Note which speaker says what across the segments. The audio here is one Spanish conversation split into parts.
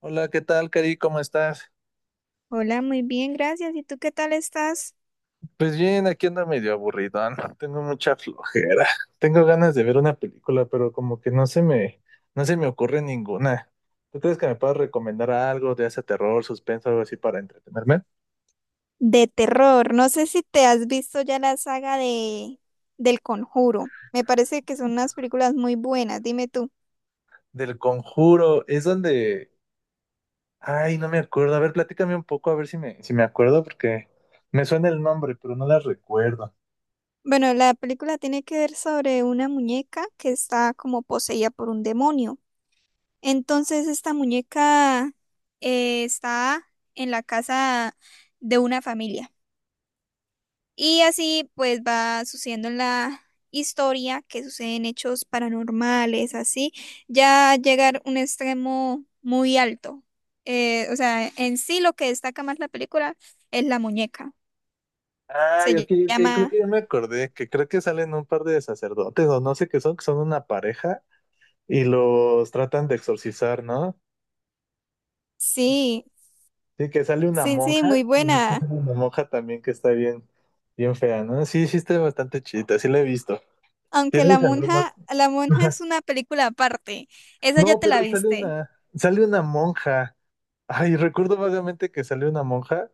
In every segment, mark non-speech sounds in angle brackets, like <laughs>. Speaker 1: Hola, ¿qué tal, Cari? ¿Cómo estás?
Speaker 2: Hola, muy bien, gracias. ¿Y tú qué tal estás?
Speaker 1: Pues bien, aquí ando medio aburridón. <laughs> Tengo mucha flojera. Tengo ganas de ver una película, pero como que no se me ocurre ninguna. ¿Tú crees que me puedas recomendar algo de ese terror, suspenso, algo así para entretenerme?
Speaker 2: De terror. No sé si te has visto ya la saga de del Conjuro. Me parece que son unas películas muy buenas. Dime tú.
Speaker 1: Del Conjuro, es donde... Ay, no me acuerdo. A ver, platícame un poco, a ver si me acuerdo, porque me suena el nombre, pero no la recuerdo.
Speaker 2: Bueno, la película tiene que ver sobre una muñeca que está como poseída por un demonio. Entonces, esta muñeca está en la casa de una familia. Y así pues va sucediendo en la historia que suceden hechos paranormales, así, ya llegar a un extremo muy alto. O sea, en sí lo que destaca más la película es la muñeca. Se
Speaker 1: Ay, ok,
Speaker 2: ll-
Speaker 1: ok, creo que
Speaker 2: llama,
Speaker 1: ya me acordé, que creo que salen un par de sacerdotes, o no sé qué son, que son una pareja. Y los tratan de exorcizar, ¿no?
Speaker 2: sí,
Speaker 1: Sí, que sale una
Speaker 2: sí, sí, muy
Speaker 1: monja, que de hecho
Speaker 2: buena.
Speaker 1: sale una monja también que está bien, bien fea, ¿no? Sí, sí está bastante chida, sí la he visto.
Speaker 2: Aunque
Speaker 1: ¿Tienes alguna?
Speaker 2: la
Speaker 1: <laughs>
Speaker 2: monja
Speaker 1: Ajá.
Speaker 2: es una película aparte. Esa ya
Speaker 1: No,
Speaker 2: te
Speaker 1: pero
Speaker 2: la viste.
Speaker 1: sale una monja. Ay, recuerdo vagamente que salió una monja,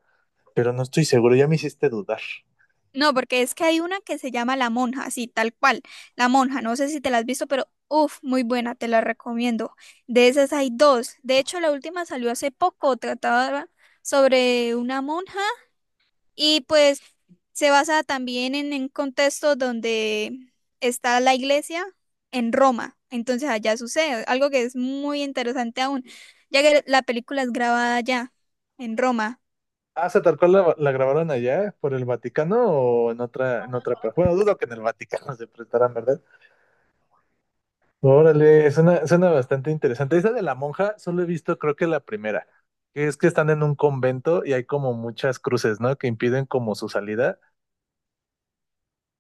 Speaker 1: pero no estoy seguro, ya me hiciste dudar.
Speaker 2: No, porque es que hay una que se llama La Monja, sí, tal cual. La Monja, no sé si te la has visto, pero uff, muy buena, te la recomiendo. De esas hay dos. De hecho, la última salió hace poco, trataba sobre una monja y pues se basa también en un contexto donde está la iglesia en Roma. Entonces allá sucede algo que es muy interesante aún, ya que la película es grabada allá, en Roma.
Speaker 1: Ah, ¿se tal cual la grabaron allá por el Vaticano o en en otra? Bueno, dudo que en el Vaticano <laughs> se prestaran, verdad. Órale, suena bastante interesante. Esa de la monja, solo he visto, creo que la primera, que es que están en un convento y hay como muchas cruces, ¿no? Que impiden como su salida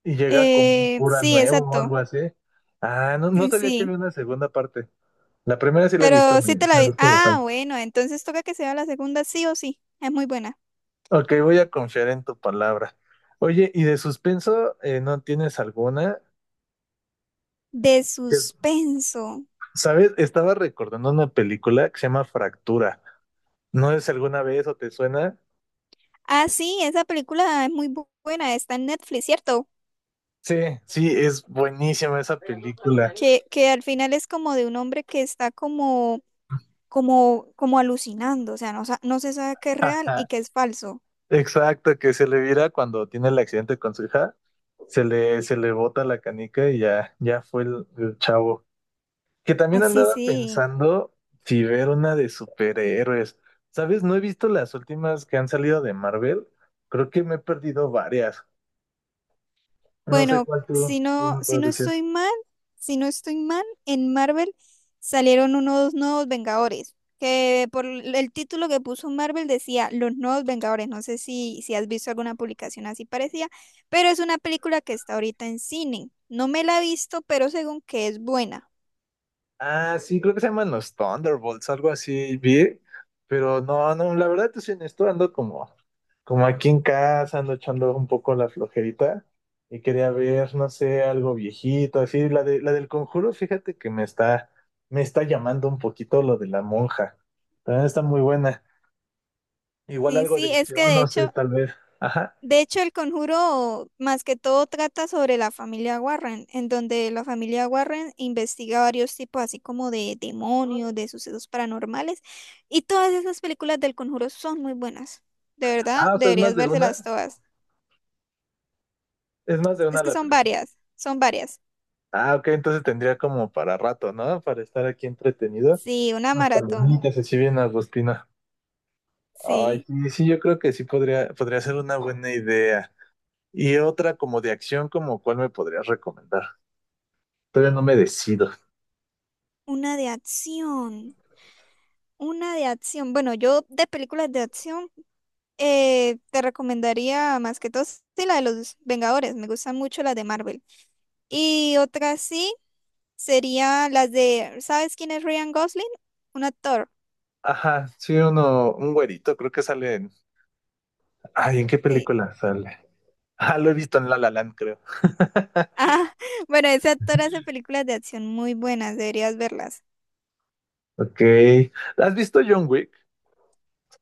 Speaker 1: y llega como un
Speaker 2: Eh,
Speaker 1: cura
Speaker 2: sí,
Speaker 1: nuevo o
Speaker 2: exacto.
Speaker 1: algo así. Ah, no, no
Speaker 2: Sí,
Speaker 1: sabía que
Speaker 2: sí.
Speaker 1: había una segunda parte. La primera sí la he visto,
Speaker 2: Pero sí te la
Speaker 1: me
Speaker 2: vi.
Speaker 1: gusta
Speaker 2: Ah,
Speaker 1: bastante.
Speaker 2: bueno, entonces toca que sea la segunda sí o sí. Es muy buena.
Speaker 1: Ok, voy a confiar en tu palabra. Oye, ¿y de suspenso no tienes alguna?
Speaker 2: De
Speaker 1: Que,
Speaker 2: suspenso.
Speaker 1: ¿sabes? Estaba recordando una película que se llama Fractura. No sé si alguna vez o te suena.
Speaker 2: Ah, sí, esa película es muy buena. Está en Netflix, ¿cierto?
Speaker 1: Sí, sí, es buenísima esa película.
Speaker 2: Que al final es como de un hombre que está como alucinando. O sea, no, no se sabe qué es real y
Speaker 1: Ajá.
Speaker 2: qué es falso.
Speaker 1: Exacto, que se le vira cuando tiene el accidente con su hija, se le bota la canica y ya, ya fue el chavo. Que también
Speaker 2: Así, sí.
Speaker 1: andaba
Speaker 2: Sí.
Speaker 1: pensando si ver una de superhéroes. ¿Sabes? No he visto las últimas que han salido de Marvel. Creo que me he perdido varias. No sé
Speaker 2: Bueno,
Speaker 1: cuál tú me puedes decir.
Speaker 2: si no estoy mal, en Marvel salieron unos nuevos Vengadores, que por el título que puso Marvel decía Los Nuevos Vengadores. No sé si has visto alguna publicación así parecida, pero es una película que está ahorita en cine. No me la he visto, pero según que es buena.
Speaker 1: Ah, sí, creo que se llaman los Thunderbolts, algo así, vi, pero no, no, la verdad, te soy honesto, ando como, como aquí en casa, ando echando un poco la flojerita y quería ver, no sé, algo viejito, así, la del Conjuro, fíjate que me está llamando un poquito lo de la monja, también está muy buena, igual
Speaker 2: Sí,
Speaker 1: algo de
Speaker 2: sí, es que
Speaker 1: acción,
Speaker 2: de
Speaker 1: no sé,
Speaker 2: hecho
Speaker 1: tal vez, ajá,
Speaker 2: de hecho, el conjuro más que todo trata sobre la familia Warren, en donde la familia Warren investiga varios tipos, así como de demonios, de sucesos paranormales, y todas esas películas del conjuro son muy buenas. De verdad,
Speaker 1: ah, o sea,
Speaker 2: deberías vérselas todas.
Speaker 1: es más de
Speaker 2: Es
Speaker 1: una
Speaker 2: que
Speaker 1: la
Speaker 2: son
Speaker 1: película,
Speaker 2: varias, son varias.
Speaker 1: ah, ok, entonces tendría como para rato, ¿no? Para estar aquí entretenido.
Speaker 2: Sí, una
Speaker 1: Unas
Speaker 2: maratón,
Speaker 1: palomitas así bien agostina. Ay,
Speaker 2: sí,
Speaker 1: sí, sí, yo creo que sí podría ser una buena idea. Y otra como de acción, como cuál me podrías recomendar. Todavía no me decido.
Speaker 2: una de acción, una de acción. Bueno, yo de películas de acción te recomendaría más que todo, sí, la de los Vengadores, me gustan mucho las de Marvel. Y otra sí sería las de, ¿sabes quién es Ryan Gosling? Un actor,
Speaker 1: Ajá, sí, un güerito, creo que sale en... Ay, ¿en qué
Speaker 2: sí.
Speaker 1: película sale? Ah, lo he visto en La La Land, creo.
Speaker 2: Ah, <laughs> bueno, ese actor hace películas de acción muy buenas, deberías verlas.
Speaker 1: Ok. ¿Has visto John Wick?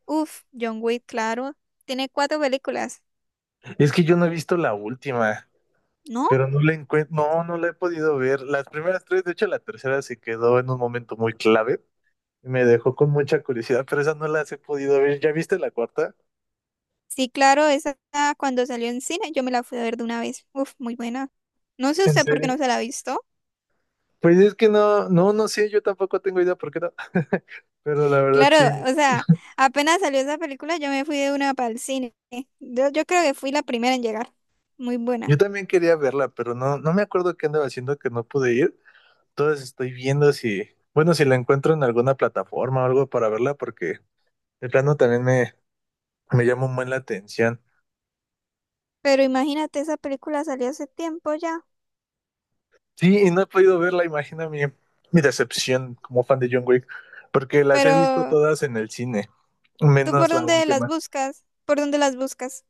Speaker 2: Uf, John Wick, claro. Tiene cuatro películas,
Speaker 1: Es que yo no he visto la última,
Speaker 2: ¿no?
Speaker 1: pero no la encuentro, no, no la he podido ver. Las primeras tres, de hecho, la tercera se quedó en un momento muy clave. Me dejó con mucha curiosidad, pero esas no las he podido ver. ¿Ya viste la cuarta?
Speaker 2: Sí, claro, esa cuando salió en cine yo me la fui a ver de una vez. Uf, muy buena. No sé
Speaker 1: ¿En
Speaker 2: usted por qué
Speaker 1: serio?
Speaker 2: no se la ha visto.
Speaker 1: Pues es que no, no, no sé, yo tampoco tengo idea por qué no. <laughs> Pero la verdad
Speaker 2: Claro,
Speaker 1: sí,
Speaker 2: o sea, apenas salió esa película yo me fui de una para el cine. Yo creo que fui la primera en llegar. Muy
Speaker 1: yo
Speaker 2: buena.
Speaker 1: también quería verla, pero no, no me acuerdo qué andaba haciendo que no pude ir. Entonces estoy viendo si, bueno, si la encuentro en alguna plataforma o algo para verla, porque de plano también me llama un buen la atención.
Speaker 2: Pero imagínate, esa película salió hace tiempo ya.
Speaker 1: Sí, y no he podido verla, imagina mi decepción como fan de John Wick, porque las he visto
Speaker 2: Pero,
Speaker 1: todas en el cine,
Speaker 2: ¿tú por
Speaker 1: menos la
Speaker 2: dónde las
Speaker 1: última.
Speaker 2: buscas? ¿Por dónde las buscas?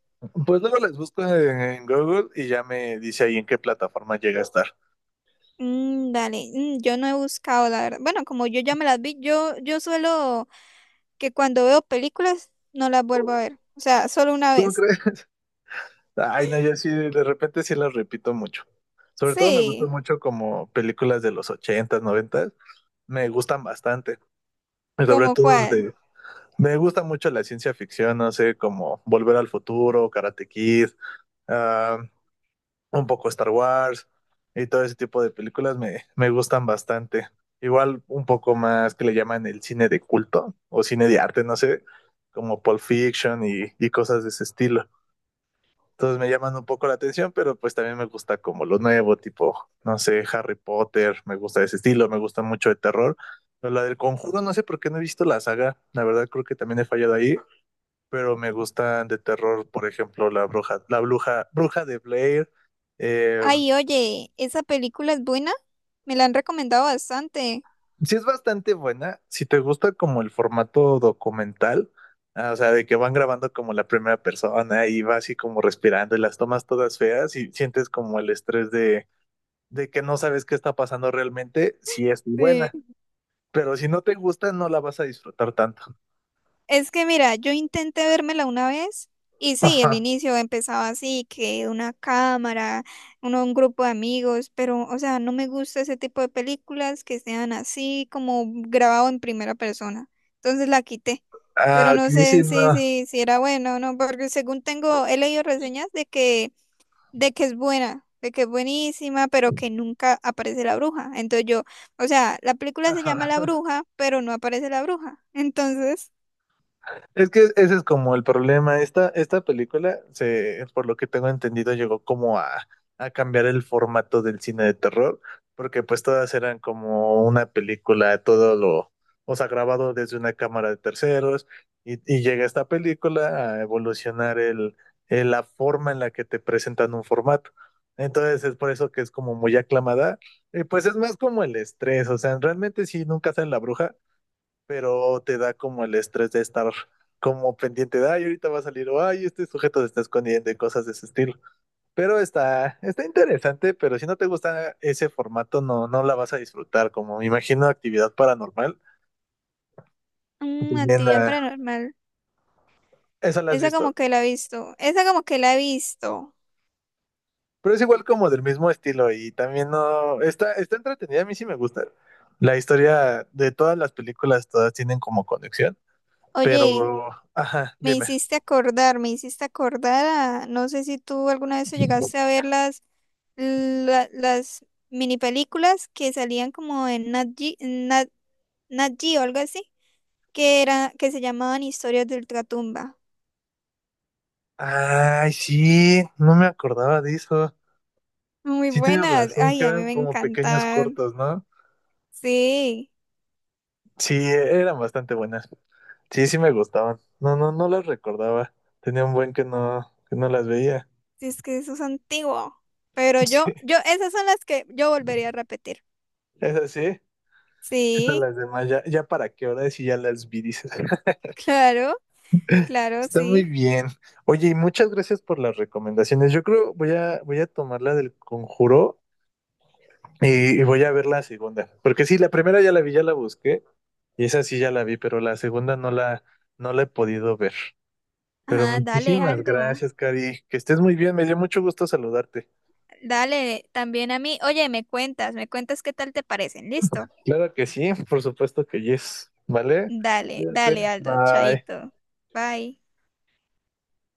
Speaker 1: Pues luego les busco en Google y ya me dice ahí en qué plataforma llega a estar.
Speaker 2: Mm, dale, mm, yo no he buscado, la verdad. Bueno, como yo ya me las vi, yo suelo que cuando veo películas no las vuelvo a ver. O sea, solo una
Speaker 1: ¿Cómo
Speaker 2: vez.
Speaker 1: crees? Ay, no, yo sí, de repente sí las repito mucho. Sobre todo me gustan
Speaker 2: Sí,
Speaker 1: mucho como películas de los ochentas, noventas, me gustan bastante. Y sobre
Speaker 2: ¿como
Speaker 1: todo
Speaker 2: cuál?
Speaker 1: de... Me gusta mucho la ciencia ficción, no sé, como Volver al Futuro, Karate Kid, ah, un poco Star Wars y todo ese tipo de películas me gustan bastante. Igual un poco más que le llaman el cine de culto o cine de arte, no sé, como Pulp Fiction y cosas de ese estilo. Entonces me llaman un poco la atención, pero pues también me gusta como lo nuevo, tipo, no sé, Harry Potter, me gusta ese estilo, me gusta mucho de terror. Pero la del Conjuro, no sé por qué no he visto la saga, la verdad creo que también he fallado ahí, pero me gustan de terror, por ejemplo, bruja de Blair, eh,
Speaker 2: Ay, oye, esa película es buena. Me la han recomendado bastante.
Speaker 1: sí, es bastante buena. Si te gusta como el formato documental, ah, o sea, de que van grabando como la primera persona y va así como respirando y las tomas todas feas y sientes como de que no sabes qué está pasando realmente, sí es muy buena.
Speaker 2: Sí,
Speaker 1: Pero si no te gusta, no la vas a disfrutar tanto.
Speaker 2: es que mira, yo intenté vérmela una vez y sí, el
Speaker 1: Ajá.
Speaker 2: inicio empezaba así, que una cámara, uno, un grupo de amigos, pero o sea, no me gusta ese tipo de películas que sean así como grabado en primera persona. Entonces la quité,
Speaker 1: Ah,
Speaker 2: pero no
Speaker 1: aquí
Speaker 2: sé
Speaker 1: sí
Speaker 2: en
Speaker 1: no.
Speaker 2: sí si era bueno o no, porque según tengo, he leído reseñas de que es buena, de que es buenísima, pero que nunca aparece la bruja. Entonces yo, o sea, la película se llama
Speaker 1: Ajá.
Speaker 2: La Bruja, pero no aparece la bruja. <laughs> Entonces...
Speaker 1: Es que ese es como el problema. Esta película, se, por lo que tengo entendido, llegó como a cambiar el formato del cine de terror, porque pues todas eran como una película, todo lo, o sea, grabado desde una cámara de terceros, y llega esta película a evolucionar la forma en la que te presentan un formato. Entonces es por eso que es como muy aclamada. Y pues es más como el estrés, o sea, realmente si nunca sale la bruja, pero te da como el estrés de estar como pendiente de, ay, ahorita va a salir, o ay, este sujeto se está escondiendo y cosas de ese estilo. Pero está interesante, pero si no te gusta ese formato, no, no la vas a disfrutar, como me imagino actividad paranormal.
Speaker 2: Mm,
Speaker 1: También
Speaker 2: actividad paranormal.
Speaker 1: esa la has
Speaker 2: Esa como
Speaker 1: visto.
Speaker 2: que la he visto. Esa como que la he visto.
Speaker 1: Pero es igual como del mismo estilo y también no, está entretenida, a mí sí me gusta. La historia de todas las películas, todas tienen como conexión,
Speaker 2: Oye,
Speaker 1: pero, ajá, dime.
Speaker 2: me hiciste acordar a... No sé si tú alguna vez llegaste a ver las mini películas que salían como en Nat Geo, algo así, que era, que se llamaban Historias de Ultratumba.
Speaker 1: Ay, sí, no me acordaba de eso.
Speaker 2: Muy
Speaker 1: Sí tienes
Speaker 2: buenas.
Speaker 1: razón,
Speaker 2: Ay,
Speaker 1: que
Speaker 2: a mí
Speaker 1: eran
Speaker 2: me
Speaker 1: como pequeños
Speaker 2: encantaban.
Speaker 1: cortos, ¿no?
Speaker 2: Sí,
Speaker 1: Sí, eran bastante buenas. Sí, sí me gustaban. No, no, no las recordaba. Tenía un buen que no las veía.
Speaker 2: sí, es que eso es antiguo. Pero
Speaker 1: <laughs>
Speaker 2: yo,
Speaker 1: Sí,
Speaker 2: yo, esas son las que yo volvería a repetir.
Speaker 1: esas sí. Estas
Speaker 2: Sí.
Speaker 1: las demás, ya, ya para qué hora si ya las vi, dices. <laughs>
Speaker 2: Claro, claro,
Speaker 1: Está muy
Speaker 2: sí.
Speaker 1: bien. Oye, y muchas gracias por las recomendaciones. Yo creo voy a, voy a tomar la del Conjuro y voy a ver la segunda. Porque sí, la primera ya la vi, ya la busqué, y esa sí ya la vi, pero la segunda no la, no la he podido ver. Pero
Speaker 2: Ah, dale,
Speaker 1: muchísimas
Speaker 2: Aldo.
Speaker 1: gracias, Cari. Que estés muy bien. Me dio mucho gusto saludarte.
Speaker 2: Dale, también a mí. Oye, me cuentas qué tal te parecen. ¿Listo?
Speaker 1: Claro que sí, por supuesto que yes. ¿Vale?
Speaker 2: Dale,
Speaker 1: Cuídate.
Speaker 2: dale, Aldo.
Speaker 1: Bye.
Speaker 2: Chaito. Bye.